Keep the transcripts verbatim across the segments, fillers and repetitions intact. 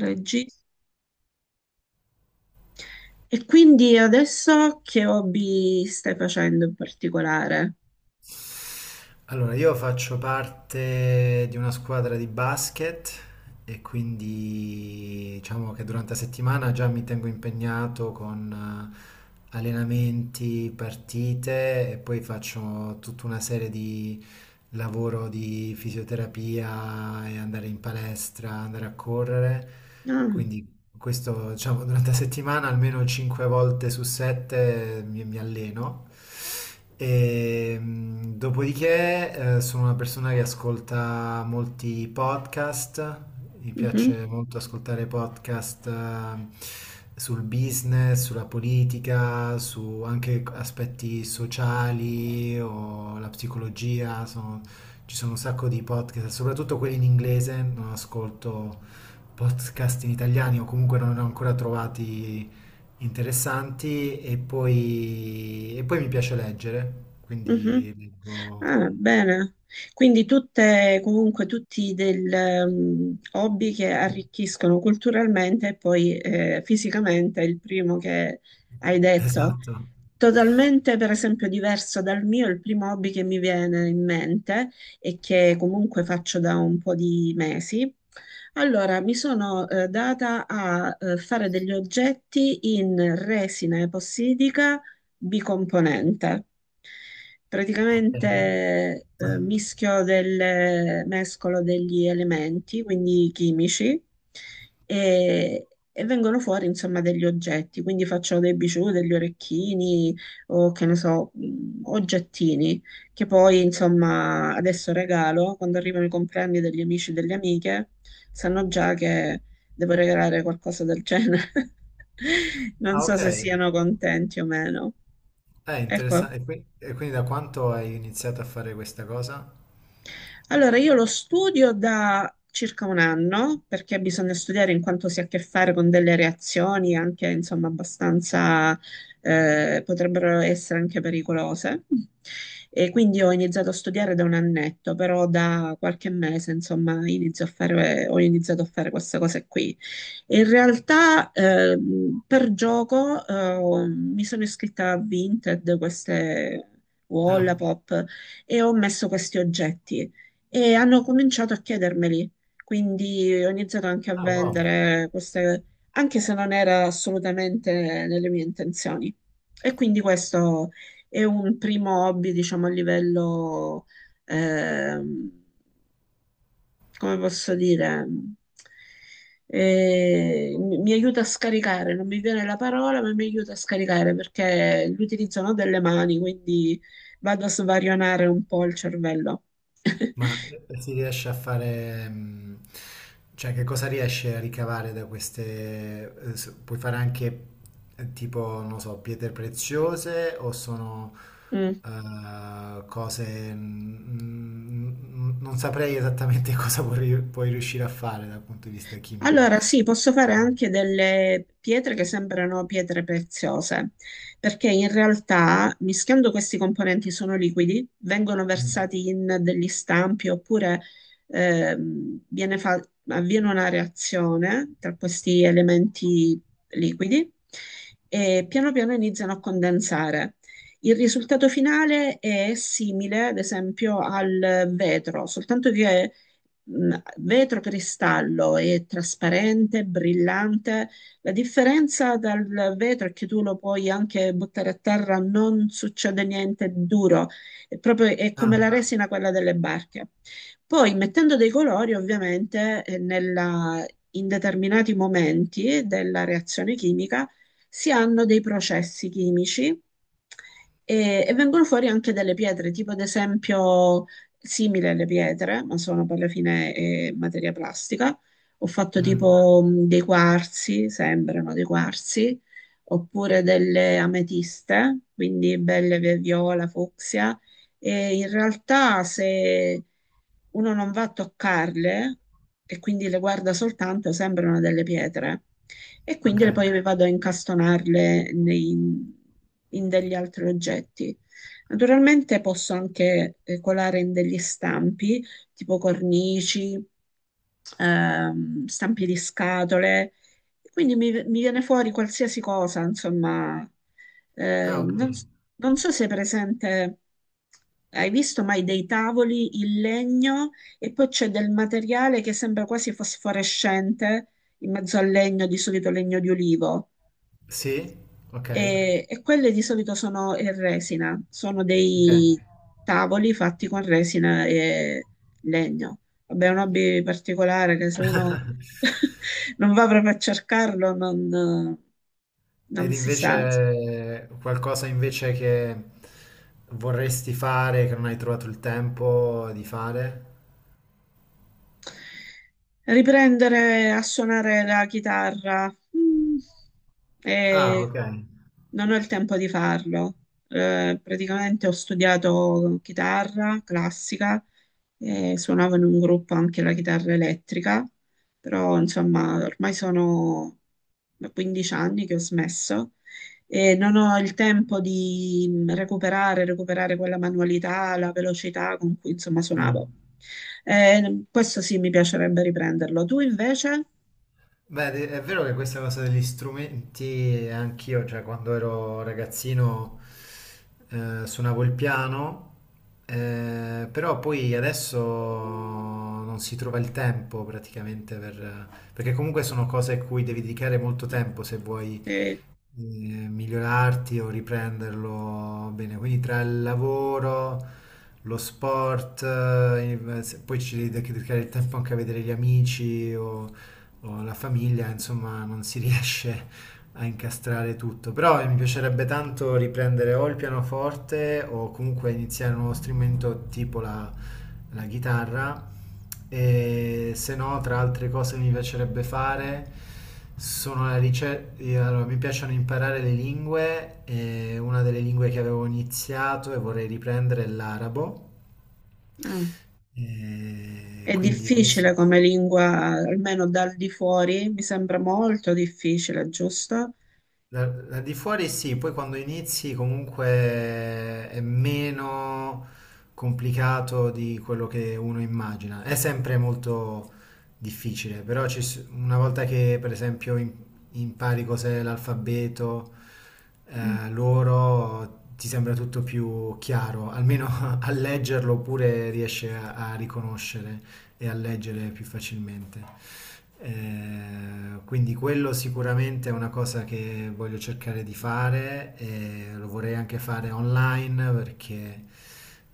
Regista. E quindi adesso che hobby stai facendo in particolare? Allora, io faccio parte di una squadra di basket e quindi diciamo che durante la settimana già mi tengo impegnato con eh, allenamenti, partite e poi faccio tutta una serie di lavoro di fisioterapia e andare in palestra, andare a correre. Ah, Quindi questo, diciamo, durante la settimana almeno cinque volte su sette mi, mi alleno. E, mh, dopodiché, eh, sono una persona che ascolta molti podcast. Mi mhm, piace molto ascoltare podcast, eh, sul business, sulla politica, su anche aspetti sociali o la psicologia. Sono- ci sono un sacco di podcast, soprattutto quelli in inglese, non ascolto podcast in italiani o comunque non ne ho ancora trovati interessanti e poi, e poi mi piace leggere, mhm. quindi leggo. Ah, bene. Quindi tutte, comunque tutti del, ehm, hobby che arricchiscono culturalmente e poi eh, fisicamente, il primo che hai detto. Esatto. Totalmente, per esempio, diverso dal mio, il primo hobby che mi viene in mente e che comunque faccio da un po' di mesi. Allora, mi sono eh, data a eh, fare degli oggetti in resina epossidica bicomponente. Ok. Praticamente eh, mischio del mescolo degli elementi, quindi chimici, e, e vengono fuori insomma degli oggetti, quindi faccio dei bijou, degli orecchini o che ne so, mh, oggettini che poi insomma adesso regalo quando arrivano i compleanni degli amici e delle amiche, sanno già che devo regalare qualcosa del genere. Non Ah, so ok. se siano contenti o meno. È Ecco. interessante. E qui- e quindi da quanto hai iniziato a fare questa cosa? Allora, io lo studio da circa un anno perché bisogna studiare in quanto si ha a che fare con delle reazioni anche, insomma, abbastanza eh, potrebbero essere anche pericolose. E quindi ho iniziato a studiare da un annetto, però da qualche mese, insomma, inizio a fare- ho iniziato a fare queste cose qui. E In realtà, ehm, per gioco, eh, mi sono iscritta a Vinted, queste Ah, Wallapop, e ho messo questi oggetti e hanno cominciato a chiedermeli. Quindi ho iniziato anche a ah, wow. vendere queste, anche se non era assolutamente nelle mie intenzioni. E quindi questo è un primo hobby, diciamo, a livello, ehm, come posso dire, eh, mi mi aiuta a scaricare, non mi viene la parola, ma mi aiuta a scaricare perché l'utilizzo no, delle mani, quindi vado a svarionare un po' il cervello. Ma eh, si riesce a fare, mh, cioè che cosa riesce a ricavare da queste, eh, s- puoi fare anche eh, tipo, non so, pietre preziose o sono Mm. eh, cose, mh, mh, non saprei esattamente cosa puoi, puoi riuscire a fare dal punto di vista chimico. Allora, sì, posso fare anche delle pietre che sembrano pietre preziose, perché in realtà mischiando questi componenti sono liquidi, vengono Mm. versati in degli stampi oppure ehm, viene fa- avviene una reazione tra questi elementi liquidi e piano piano iniziano a condensare. Il risultato finale è simile, ad esempio, al vetro, soltanto che mh, vetro cristallo è trasparente, brillante. La differenza dal vetro è che tu lo puoi anche buttare a terra, non succede niente di duro, è proprio è come Ah, la resina quella delle barche. Poi mettendo dei colori, ovviamente, eh, nella- in determinati momenti della reazione chimica si hanno dei processi chimici e, e vengono fuori anche delle pietre, tipo ad esempio simile alle pietre, ma sono per la fine eh, materia plastica. Ho fatto mm, tipo mh, dei quarzi, sembrano dei quarzi, oppure delle ametiste, quindi belle vi- viola, fucsia. E in realtà se uno non va a toccarle e quindi le guarda soltanto, sembrano delle pietre. E ok, quindi le- poi le vado a incastonarle nei- in degli altri oggetti. Naturalmente posso anche eh, colare in degli stampi, tipo cornici, ehm, stampi di scatole, quindi mi, mi viene fuori qualsiasi cosa, insomma. ah, Eh, ok, non, s- non so se è presente, hai visto mai dei tavoli in legno e poi c'è del materiale che sembra quasi fosforescente in mezzo al legno, di solito legno di olivo. sì, E, ok, e quelle di solito sono in resina, sono ok. dei tavoli fatti con resina e legno. Vabbè, è un hobby particolare che se uno non va proprio a cercarlo non, Ed non si sa. invece qualcosa invece che vorresti fare, che non hai trovato il tempo di fare? Riprendere a suonare la chitarra. Mm, Ah, eh, ok. Non ho il tempo di farlo. Eh, praticamente ho studiato chitarra classica e suonavo in un gruppo anche la chitarra elettrica, però insomma ormai sono da quindici anni che ho smesso e non ho il tempo di recuperare, recuperare quella manualità, la velocità con cui insomma Mm. suonavo. Eh, questo sì, mi piacerebbe riprenderlo. Tu invece? Beh, de- è vero che questa cosa degli strumenti, anch'io, cioè quando ero ragazzino eh, suonavo il piano, eh, però poi adesso non si trova il tempo praticamente per, perché comunque sono cose a cui devi dedicare molto tempo se vuoi Eh, eh, migliorarti o riprenderlo bene. Quindi tra il lavoro, lo sport, eh, se- poi ci devi dedicare il tempo anche a vedere gli amici o o la famiglia, insomma, non si riesce a incastrare tutto. Però mi piacerebbe tanto riprendere o il pianoforte o comunque iniziare un nuovo strumento tipo la, la chitarra. E se no, tra altre cose che mi piacerebbe fare sono la ricerca. Allora, mi piacciono imparare le lingue. E una delle lingue che avevo iniziato e vorrei riprendere è l'arabo. ah, E è quindi questo. difficile come lingua, almeno dal di fuori, mi sembra molto difficile, giusto? Da, da di fuori sì, poi quando inizi comunque è meno complicato di quello che uno immagina. È sempre molto difficile, però ci s- una volta che per esempio im- impari cos'è l'alfabeto, Mm, eh, loro ti sembra tutto più chiaro, almeno a leggerlo oppure riesci a, a riconoscere e a leggere più facilmente. Eh, quindi quello sicuramente è una cosa che voglio cercare di fare e lo vorrei anche fare online perché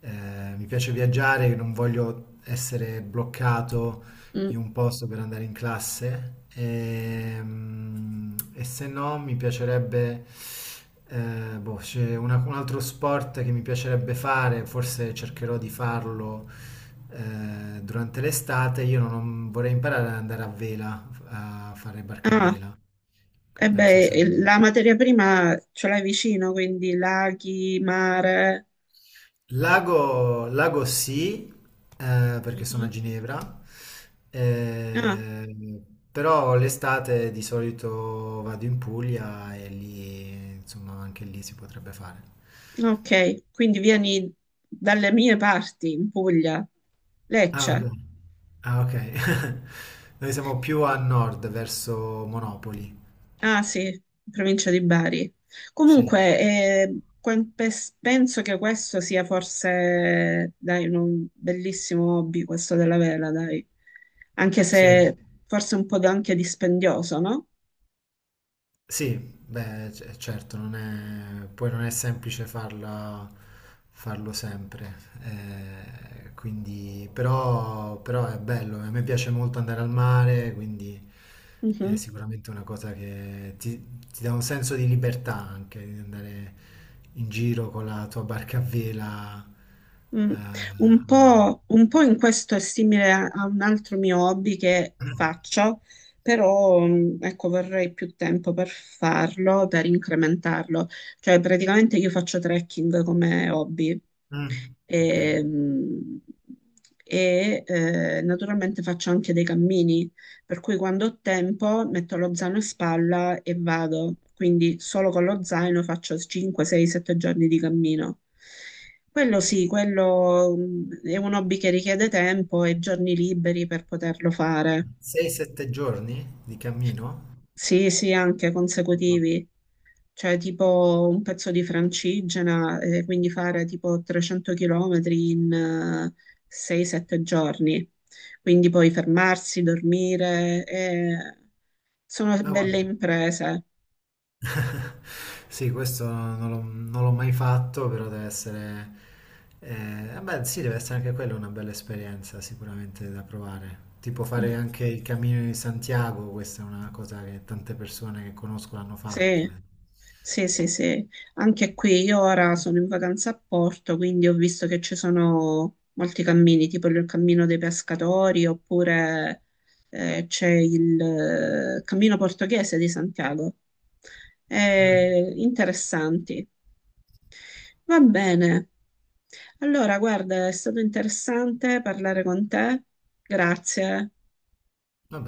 eh, mi piace viaggiare, non voglio essere bloccato mm. in un posto per andare in classe ehm, e, se no mi piacerebbe, eh, boh, c'è una- un altro sport che mi piacerebbe fare, forse cercherò di farlo eh, durante l'estate, io non, vorrei imparare ad andare a vela, a fare barca a Ah, vela, che e penso che beh, eh, sarebbe. la materia prima ce l'hai vicino, quindi laghi, mare. Lago, Lago sì, eh, perché sono a Mhm. Ginevra, Ah, eh, però l'estate di solito vado in Puglia e lì, insomma, anche lì si potrebbe fare. ok, quindi vieni dalle mie parti, in Puglia, Ah, ok. Lecce. Ah, ok. Noi siamo più a nord, verso Monopoli. Ah sì, provincia di Bari. Sì, Comunque, eh, que- pes- penso che questo sia forse, dai, un bellissimo hobby, questo della vela, dai. Anche sì. se forse un po' da- anche dispendioso, no? Sì, beh, c- certo, non è, poi non è semplice farla, farlo sempre, eh, quindi, però, però è bello, a me piace molto andare al mare, quindi è Mhm. sicuramente una cosa che ti, ti dà un senso di libertà anche, di andare in giro con la tua barca a vela, eh, Mm. Un al mare. po', un po' in questo è simile a, a un altro mio hobby che faccio, però, mm, ecco, vorrei più tempo per farlo, per incrementarlo. Cioè, praticamente io faccio trekking come hobby. Mm, ok. E, mm, e, eh, Naturalmente faccio anche dei cammini, per cui quando ho tempo metto lo zaino in spalla e vado, quindi solo con lo zaino faccio cinque, sei, sette giorni di cammino. Quello sì, quello mm, è un hobby che richiede tempo e giorni liberi per poterlo fare. sei sette giorni di cammino? Sì, sì, anche No, consecutivi cioè tipo un pezzo di Francigena, eh, quindi fare tipo trecento chilometri in sei sette giorni. Quindi poi fermarsi, dormire, eh, sono guarda. belle imprese. Sì, questo non l'ho non l'ho mai fatto, però deve essere, eh, vabbè, sì, deve essere anche quella una bella esperienza sicuramente da provare. Tipo fare Mm, anche il Cammino di Santiago, questa è una cosa che tante persone che conosco hanno fatto. sì. Sì, sì, sì, anche qui io ora sono in vacanza a Porto, quindi ho visto che ci sono molti cammini, tipo il cammino dei pescatori, oppure eh, c'è il eh, cammino portoghese di Santiago. Mm. Eh, interessanti. Va bene. Allora, guarda, è stato interessante parlare con te. Grazie. Vabbè.